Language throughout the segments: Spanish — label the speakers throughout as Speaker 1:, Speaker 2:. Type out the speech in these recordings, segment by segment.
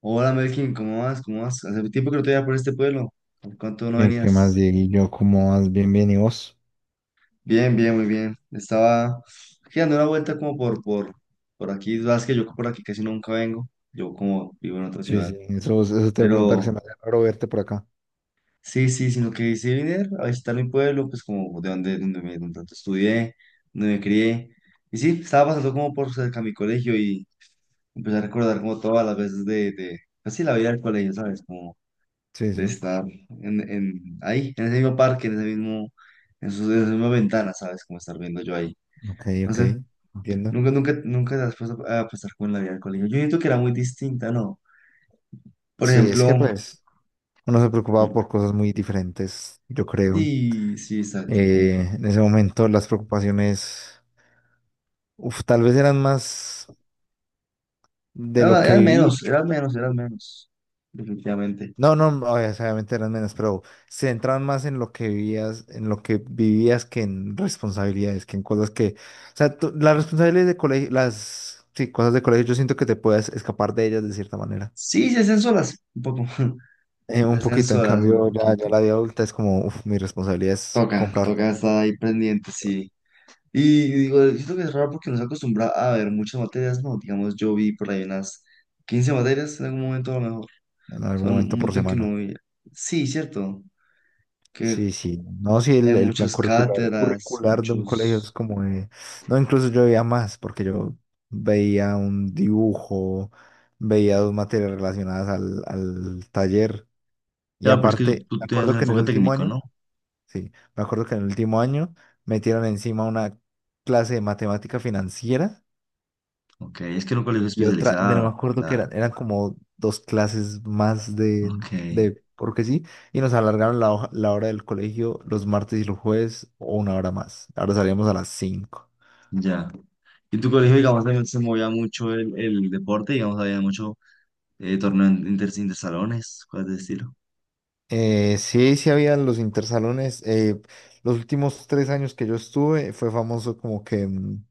Speaker 1: Hola Melkin, ¿cómo vas? ¿Cómo vas? Hace tiempo que no te veía por este pueblo. ¿Por cuánto no
Speaker 2: ¿Qué más,
Speaker 1: venías?
Speaker 2: Dieguillo? ¿Cómo vas? Bien, bien, ¿y vos?
Speaker 1: Bien, bien, muy bien. Estaba aquí dando una vuelta como por aquí. Sabes que yo por aquí casi nunca vengo. Yo como vivo en otra
Speaker 2: Sí,
Speaker 1: ciudad.
Speaker 2: sí, eso te voy a preguntar, se
Speaker 1: Pero
Speaker 2: me hace raro verte por acá.
Speaker 1: sí, sí, sino que sí venir a visitar mi pueblo, pues como de donde tanto estudié, donde me crié. Y sí, estaba pasando como por cerca de mi colegio y empecé a recordar como todas las veces pues sí, la vida del colegio, ¿sabes? Como
Speaker 2: Sí,
Speaker 1: de
Speaker 2: sí,
Speaker 1: estar ahí, en ese mismo parque, en ese mismo, en esa misma ventana, ¿sabes? Como estar viendo yo ahí.
Speaker 2: ok,
Speaker 1: No
Speaker 2: ok,
Speaker 1: sé,
Speaker 2: entiendo.
Speaker 1: nunca te has puesto a pensar con la vida del colegio. Yo siento que era muy distinta, ¿no? Por
Speaker 2: Sí, es que
Speaker 1: ejemplo,
Speaker 2: pues uno se preocupaba por cosas muy diferentes, yo creo.
Speaker 1: sí, sí, exacto, como,
Speaker 2: En ese momento las preocupaciones, uf, tal vez eran más de lo que viví.
Speaker 1: era menos, definitivamente.
Speaker 2: No, no, obviamente eran menos, pero se centraban más en lo que vivías, que en responsabilidades, que en cosas que, o sea, las responsabilidades de colegio, sí, cosas de colegio, yo siento que te puedes escapar de ellas de cierta manera.
Speaker 1: Sí, se hacen solas, un poco,
Speaker 2: Eh,
Speaker 1: se
Speaker 2: un
Speaker 1: hacen
Speaker 2: poquito, en
Speaker 1: solas un
Speaker 2: cambio, ya
Speaker 1: poquito.
Speaker 2: la vida adulta es como, uf, mi responsabilidad es comprar co-
Speaker 1: Toca estar ahí pendiente, sí. Y digo, siento que es raro porque nos acostumbra a ver muchas materias, ¿no? Digamos, yo vi por ahí unas 15 materias en algún momento a lo mejor.
Speaker 2: en algún
Speaker 1: Son
Speaker 2: momento
Speaker 1: un
Speaker 2: por
Speaker 1: montón que
Speaker 2: semana.
Speaker 1: sí, cierto, que
Speaker 2: Sí, sí. No, sí,
Speaker 1: hay
Speaker 2: el plan
Speaker 1: muchas
Speaker 2: curricular,
Speaker 1: cátedras,
Speaker 2: curricular de un colegio es
Speaker 1: muchos...
Speaker 2: como. No, incluso yo veía más, porque yo veía un dibujo, veía dos materias relacionadas al taller. Y
Speaker 1: Claro, pero es que
Speaker 2: aparte, me
Speaker 1: tú tienes
Speaker 2: acuerdo
Speaker 1: un
Speaker 2: que en el
Speaker 1: enfoque
Speaker 2: último
Speaker 1: técnico, ¿no?
Speaker 2: año, sí, me acuerdo que en el último año metieron encima una clase de matemática financiera
Speaker 1: Ok, es que era un colegio
Speaker 2: y otra, de no me
Speaker 1: especializado,
Speaker 2: acuerdo que
Speaker 1: claro.
Speaker 2: eran como dos clases más
Speaker 1: Ok,
Speaker 2: porque sí, y nos alargaron la hora del colegio los martes y los jueves o una hora más. Ahora salíamos a las 5.
Speaker 1: ya. Y en tu colegio, digamos, también se movía mucho el deporte, digamos, había mucho torneo intersalones, cosas de estilo.
Speaker 2: Sí, sí había los intersalones. Los últimos 3 años que yo estuve fue famoso como que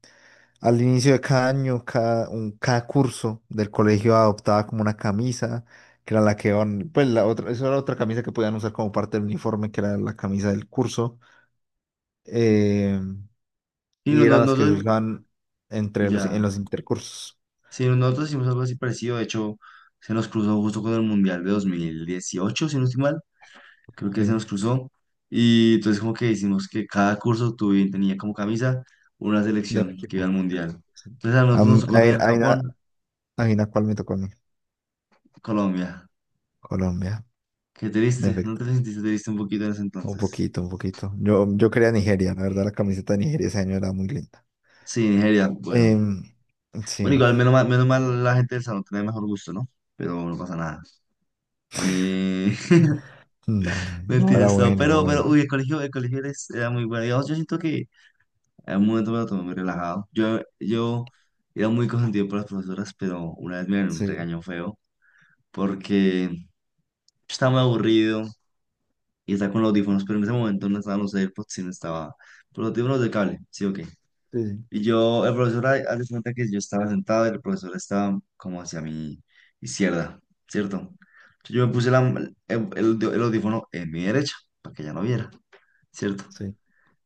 Speaker 2: al inicio de cada año, cada curso del colegio adoptaba como una camisa, que era la que iban, pues la otra, eso era otra camisa que podían usar como parte del uniforme, que era la camisa del curso. eh,
Speaker 1: Y
Speaker 2: y
Speaker 1: no, no,
Speaker 2: eran las
Speaker 1: no,
Speaker 2: que se usaban en
Speaker 1: ya.
Speaker 2: los intercursos,
Speaker 1: Sí, nosotros hicimos algo así parecido, de hecho, se nos cruzó justo con el Mundial de 2018, si no estoy mal, creo que se
Speaker 2: sí,
Speaker 1: nos cruzó, y entonces como que hicimos que cada curso tenía como camisa una
Speaker 2: del
Speaker 1: selección que iba
Speaker 2: equipo.
Speaker 1: al Mundial.
Speaker 2: Sí.
Speaker 1: Entonces a nosotros nos
Speaker 2: Am-
Speaker 1: tocó
Speaker 2: Ahí
Speaker 1: tener
Speaker 2: ahí
Speaker 1: Japón,
Speaker 2: ahí na cuál me tocó a mí,
Speaker 1: Colombia,
Speaker 2: Colombia,
Speaker 1: qué
Speaker 2: en
Speaker 1: triste, ¿no te
Speaker 2: efecto.
Speaker 1: sentiste triste un poquito en ese
Speaker 2: Un
Speaker 1: entonces?
Speaker 2: poquito, un poquito. Yo quería Nigeria, la verdad, la camiseta de Nigeria ese año era muy linda.
Speaker 1: Sí, Nigeria, bueno.
Speaker 2: Em, sí,
Speaker 1: Bueno, igual menos mal la gente del salón tenía mejor gusto, ¿no? Pero no pasa nada. Eh,
Speaker 2: no, no,
Speaker 1: mentira,
Speaker 2: era
Speaker 1: esto.
Speaker 2: bueno, era bueno.
Speaker 1: Uy, el colegio era muy bueno. Digamos, yo siento que en un momento para lo muy relajado. Yo era muy consentido por las profesoras, pero una vez me dieron un
Speaker 2: Sí,
Speaker 1: regaño feo porque yo estaba muy aburrido y estaba con los audífonos, pero en ese momento no estaban los AirPods, sino estaba por los audífonos de cable, ¿sí o qué?
Speaker 2: sí,
Speaker 1: Y yo, el profesor, haz de cuenta que yo estaba sentado y el profesor estaba como hacia mi izquierda, ¿cierto? Entonces yo me
Speaker 2: sí,
Speaker 1: el audífono en mi derecha para que ella no viera, ¿cierto?
Speaker 2: sí,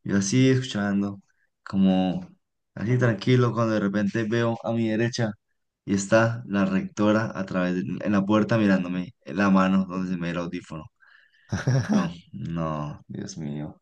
Speaker 1: Yo así escuchando, como así tranquilo, cuando de repente veo a mi derecha y está la rectora a en la puerta mirándome en la mano donde se me ve el audífono. Yo, no, Dios mío.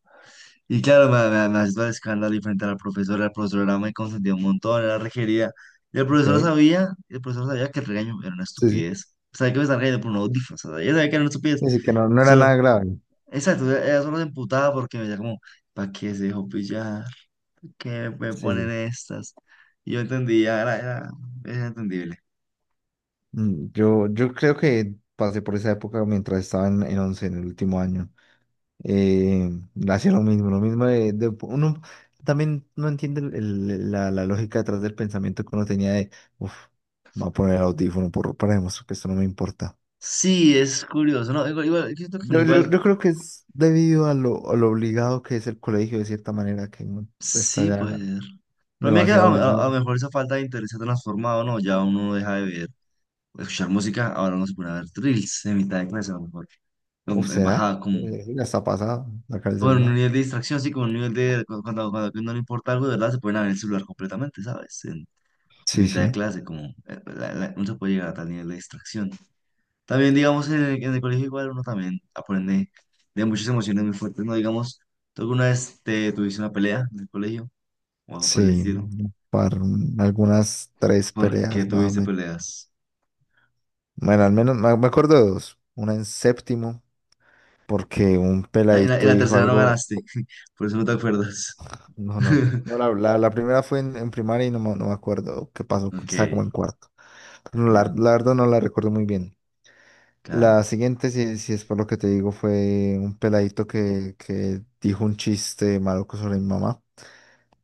Speaker 1: Y claro, me asustó el escándalo y frente a la profesora me consentía un montón, era requerida. Y
Speaker 2: ok.
Speaker 1: el profesor sabía que el regaño era una
Speaker 2: Sí, sí.
Speaker 1: estupidez. Sabía que me estaba regañando por un audífono, o sea, ella sabía que era una estupidez.
Speaker 2: Así que no, no era nada
Speaker 1: Solo,
Speaker 2: grave.
Speaker 1: exacto, ella solo se emputaba porque me decía como, ¿para qué se dejó pillar? Que me
Speaker 2: Sí,
Speaker 1: ponen
Speaker 2: sí.
Speaker 1: estas. Yo entendía, era entendible.
Speaker 2: Yo creo que pasé por esa época mientras estaba en 11 en el último año. Eh, hacía lo mismo uno también no entiende la lógica detrás del pensamiento que uno tenía de, uff, me voy a poner el audífono para demostrar que esto no me importa.
Speaker 1: Sí, es curioso, ¿no? Igual, igual, yo siento que uno
Speaker 2: Yo, yo,
Speaker 1: igual,
Speaker 2: yo creo que es debido a lo obligado que es el colegio, de cierta manera, que uno está
Speaker 1: sí
Speaker 2: ya
Speaker 1: puede ser. Pero a mí es que
Speaker 2: demasiado
Speaker 1: a lo
Speaker 2: obligado.
Speaker 1: mejor esa falta de interés se ha transformado, ¿no? Ya uno deja de ver, escuchar música, ahora uno se pone a ver reels en mitad de clase, a lo mejor,
Speaker 2: ¿O
Speaker 1: en bajada,
Speaker 2: será? Ya está pasado, sacar el
Speaker 1: con un
Speaker 2: celular.
Speaker 1: nivel de distracción, sí, con un nivel de, cuando, no le importa algo, de verdad, se pueden abrir el celular completamente, ¿sabes? En
Speaker 2: Sí,
Speaker 1: mitad
Speaker 2: sí.
Speaker 1: de clase, como, uno se puede llegar a tal nivel de distracción. También, digamos, en en el colegio igual uno también aprende de muchas emociones muy fuertes, ¿no? Digamos, tú alguna vez te tuviste una pelea en el colegio o algo por el
Speaker 2: Sí,
Speaker 1: estilo.
Speaker 2: para algunas tres
Speaker 1: ¿Por qué
Speaker 2: peleas más o
Speaker 1: tuviste
Speaker 2: menos.
Speaker 1: peleas?
Speaker 2: Bueno, al menos me acuerdo de dos. Una en séptimo, porque un
Speaker 1: En en
Speaker 2: peladito
Speaker 1: la
Speaker 2: dijo
Speaker 1: tercera no
Speaker 2: algo.
Speaker 1: ganaste, por eso no te acuerdas.
Speaker 2: No, no, no. La, la, la primera fue en primaria y no, me no me acuerdo qué pasó.
Speaker 1: Ok,
Speaker 2: Estaba como en cuarto. No, la,
Speaker 1: ya,
Speaker 2: la verdad no la recuerdo muy bien.
Speaker 1: claro.
Speaker 2: La siguiente, si es por lo que te digo, fue un peladito que dijo un chiste maluco sobre mi mamá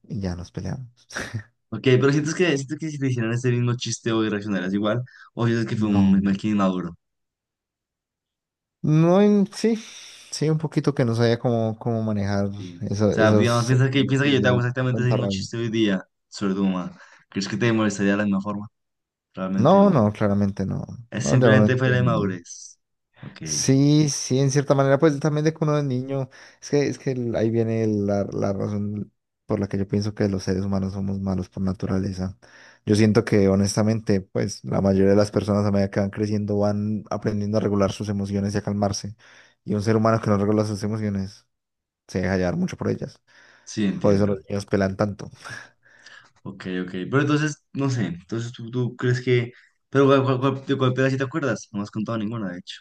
Speaker 2: y ya nos peleamos.
Speaker 1: Ok, pero sientes que si te hicieran ese mismo chiste hoy reaccionarías igual, o sientes que fue
Speaker 2: No.
Speaker 1: un mal inmaduro.
Speaker 2: No, sí, sí, un poquito que no sabía cómo manejar
Speaker 1: Sí. O sea,
Speaker 2: esos
Speaker 1: digamos, piensa que
Speaker 2: sentimientos
Speaker 1: yo te hago
Speaker 2: de
Speaker 1: exactamente ese
Speaker 2: tanta
Speaker 1: mismo
Speaker 2: rabia.
Speaker 1: chiste hoy día sobre tu mamá. ¿Crees que te molestaría de la misma forma, realmente?
Speaker 2: No,
Speaker 1: O...
Speaker 2: no, claramente no.
Speaker 1: Es
Speaker 2: No, ya uno
Speaker 1: simplemente fue la
Speaker 2: entiende.
Speaker 1: inmadurez. Ok,
Speaker 2: Sí, sí, en cierta manera, pues también de que uno es niño, es que ahí viene la razón por la que yo pienso que los seres humanos somos malos por naturaleza. Yo siento que honestamente, pues la mayoría de las personas a medida que van creciendo van aprendiendo a regular sus emociones y a calmarse. Y un ser humano que no regula sus emociones se deja llevar mucho por ellas.
Speaker 1: sí,
Speaker 2: Por eso
Speaker 1: entiendo.
Speaker 2: los niños pelan tanto.
Speaker 1: Ok, ok. Pero entonces, no sé, entonces tú crees que... Pero de cuál pelea sí te acuerdas? No me has contado ninguna, de hecho.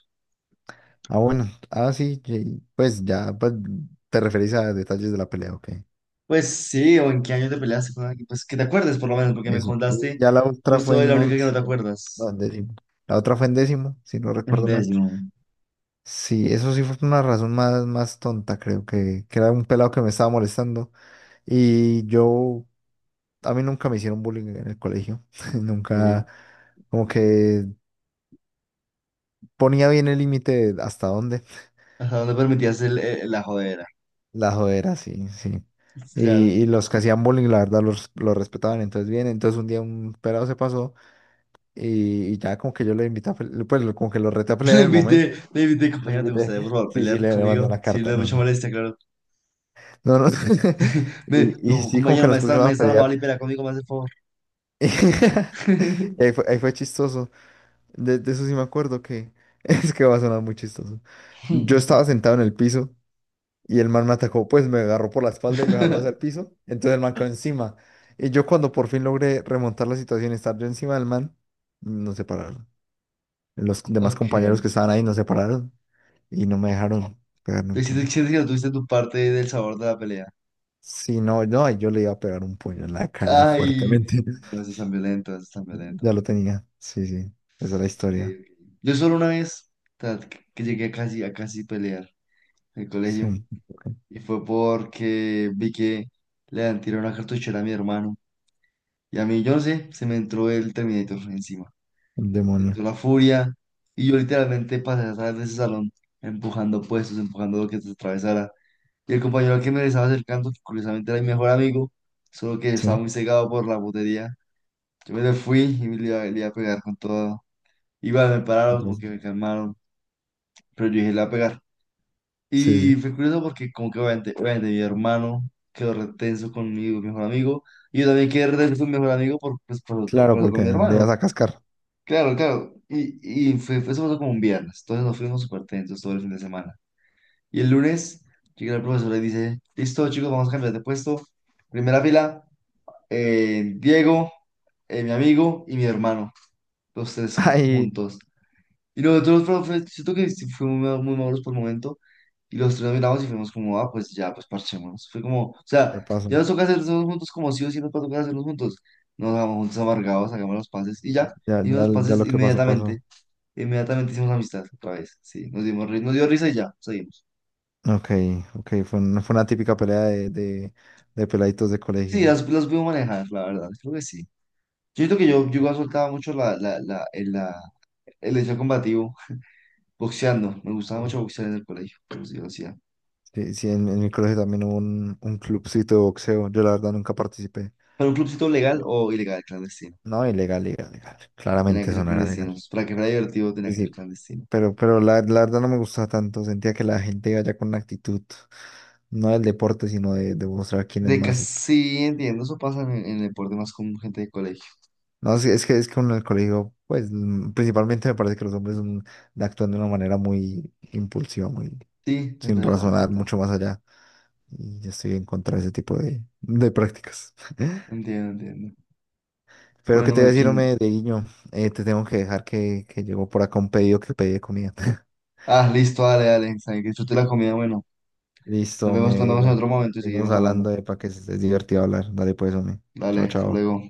Speaker 2: Ah, bueno. Ah, sí, pues ya pues, te referís a detalles de la pelea, ok.
Speaker 1: Pues sí, o en qué año te peleaste con alguien. Pues que te acuerdes, por lo menos, porque me
Speaker 2: Eso. Y
Speaker 1: contaste
Speaker 2: ya la otra
Speaker 1: justo
Speaker 2: fue
Speaker 1: de
Speaker 2: en
Speaker 1: la única que no
Speaker 2: 11.
Speaker 1: te
Speaker 2: No,
Speaker 1: acuerdas.
Speaker 2: en 10.º. La otra fue en 10.º, si no
Speaker 1: En
Speaker 2: recuerdo mal.
Speaker 1: décimo.
Speaker 2: Sí, eso sí fue por una razón más, más tonta, creo que era un pelado que me estaba molestando. Y yo, a mí nunca me hicieron bullying en el colegio.
Speaker 1: Ok.
Speaker 2: Nunca, como que ponía bien el límite de hasta dónde.
Speaker 1: ¿Hasta dónde permitías la jodera?
Speaker 2: La jodera, sí, sí.
Speaker 1: Claro.
Speaker 2: Y los, que hacían bullying, la verdad, los respetaban. Entonces, bien, entonces un día un pelado se pasó y ya como que yo lo invité a pelear, pues como que lo reté a pelear en el momento.
Speaker 1: Le invité,
Speaker 2: Lo
Speaker 1: compañero, ¿te
Speaker 2: invité.
Speaker 1: gustaría, por favor,
Speaker 2: Sí, sí,
Speaker 1: pelear
Speaker 2: le mandé
Speaker 1: conmigo?
Speaker 2: una
Speaker 1: Si le
Speaker 2: carta.
Speaker 1: da
Speaker 2: No,
Speaker 1: mucha
Speaker 2: no.
Speaker 1: molestia, claro.
Speaker 2: No, no. Y,
Speaker 1: Me,
Speaker 2: y
Speaker 1: como,
Speaker 2: sí, como
Speaker 1: compañero,
Speaker 2: que nos pusimos
Speaker 1: me
Speaker 2: a
Speaker 1: están
Speaker 2: pelear.
Speaker 1: amable y pelea conmigo, me hace el favor.
Speaker 2: Y ahí fue, ahí fue chistoso. De eso sí me acuerdo que es que va a sonar muy chistoso. Yo estaba sentado en el piso. Y el man me atacó, pues me agarró por la espalda y me jaló hacia el piso. Entonces el man quedó encima. Y yo cuando por fin logré remontar la situación y estar yo encima del man, nos separaron. Los demás
Speaker 1: Ok.
Speaker 2: compañeros que estaban ahí nos separaron y no me dejaron pegarle un
Speaker 1: Te
Speaker 2: puño.
Speaker 1: sientes que no tuviste tu parte del sabor de la pelea.
Speaker 2: Si no, no, yo le iba a pegar un puño en la cara
Speaker 1: Ay,
Speaker 2: fuertemente.
Speaker 1: eso es tan violento, eso es tan violento.
Speaker 2: Ya lo
Speaker 1: Porque-
Speaker 2: tenía. Sí, sí. Esa es la historia.
Speaker 1: Yo solo una vez ta- que llegué a a casi pelear en el colegio
Speaker 2: Sí. Ok.
Speaker 1: y fue porque vi que le han tirado una cartuchera a mi hermano y a mí, yo no sé, se me entró el Terminator encima.
Speaker 2: Un
Speaker 1: Me
Speaker 2: demonio.
Speaker 1: entró la furia y yo literalmente pasé a salir de ese salón empujando puestos, empujando lo que se atravesara. Y el compañero al que me le estaba acercando, que curiosamente era mi mejor amigo, solo que estaba
Speaker 2: Sí.
Speaker 1: muy cegado por la putería. Yo me le fui y me le iba a pegar con todo. Igual me pararon, como
Speaker 2: Entonces,
Speaker 1: que me calmaron, pero yo dije, le voy a pegar.
Speaker 2: sí,
Speaker 1: Y
Speaker 2: sí.
Speaker 1: fue curioso porque como que obviamente, obviamente mi hermano quedó retenso conmigo, mi mejor amigo, y yo también quedé retenso con mi mejor amigo por, pues,
Speaker 2: Claro,
Speaker 1: por- con
Speaker 2: porque
Speaker 1: mi
Speaker 2: le ibas
Speaker 1: hermano.
Speaker 2: a cascar.
Speaker 1: Claro, claro. Y fue, eso pasó como un viernes, entonces nos fuimos súper tensos todo el fin de semana. Y el lunes llega el profesor y dice, listo chicos, vamos a cambiar de puesto. Primera fila, Diego, mi amigo y mi hermano, los tres
Speaker 2: Ahí,
Speaker 1: juntos. Y nosotros, profe, siento que sí fuimos muy maduros por el momento. Y los tres nos miramos y fuimos como, ah, pues ya, pues parchémonos. Fue como, o sea,
Speaker 2: ya pasó.
Speaker 1: ya nos toca hacer todos juntos como sí o sí nos va a tocar hacerlos juntos. Nos vamos juntos amargados, hagamos los pases y ya.
Speaker 2: Ya,
Speaker 1: Hicimos
Speaker 2: ya,
Speaker 1: los
Speaker 2: ya
Speaker 1: pases
Speaker 2: lo que pasó,
Speaker 1: inmediatamente.
Speaker 2: pasó.
Speaker 1: Inmediatamente hicimos amistad otra vez. Sí, nos nos dio risa y ya, seguimos.
Speaker 2: Ok, ok, fue una típica pelea de peladitos de colegio.
Speaker 1: Sí, las puedo manejar, la verdad, creo que sí. Yo creo que yo igual soltaba mucho el hecho combativo, boxeando. Me gustaba
Speaker 2: Ujú.
Speaker 1: mucho boxear en el colegio, pero sí lo hacía.
Speaker 2: Sí, sí, en mi colegio también hubo un clubcito de boxeo. Yo la verdad nunca participé.
Speaker 1: ¿Para un clubcito legal
Speaker 2: Eh,
Speaker 1: o ilegal, clandestino?
Speaker 2: No, ilegal, ilegal, ilegal.
Speaker 1: Tenía
Speaker 2: Claramente
Speaker 1: que
Speaker 2: eso
Speaker 1: ser
Speaker 2: no era legal.
Speaker 1: clandestinos. Para que fuera divertido, tenía
Speaker 2: Sí,
Speaker 1: que ser
Speaker 2: sí,
Speaker 1: clandestino.
Speaker 2: pero la verdad no me gustaba tanto. Sentía que la gente iba ya con una actitud, no del deporte, sino de mostrar quién es
Speaker 1: De
Speaker 2: más. Y, pues,
Speaker 1: casi entiendo, eso pasa en el deporte más con gente de colegio.
Speaker 2: no, sí, es que uno en el colegio, pues principalmente me parece que los hombres actúan de una manera muy impulsiva, muy
Speaker 1: Sí, es
Speaker 2: sin
Speaker 1: verdad, es
Speaker 2: razonar
Speaker 1: verdad.
Speaker 2: mucho más allá. Y yo estoy en contra de ese tipo de prácticas.
Speaker 1: Entiendo, entiendo.
Speaker 2: Pero que
Speaker 1: Bueno,
Speaker 2: te voy a decir,
Speaker 1: Melkin.
Speaker 2: hombre, Dieguiño, te tengo que dejar que llegó por acá un pedido que pedí de comida.
Speaker 1: Ah, listo, dale, dale. Sabe Que disfrute la comida. Bueno,
Speaker 2: Listo, me
Speaker 1: nos vemos en
Speaker 2: digo.
Speaker 1: otro momento y
Speaker 2: Seguimos
Speaker 1: seguimos hablando.
Speaker 2: hablando de para que es divertido hablar. Dale pues, hombre.
Speaker 1: Dale,
Speaker 2: Chao,
Speaker 1: hasta
Speaker 2: chao.
Speaker 1: luego.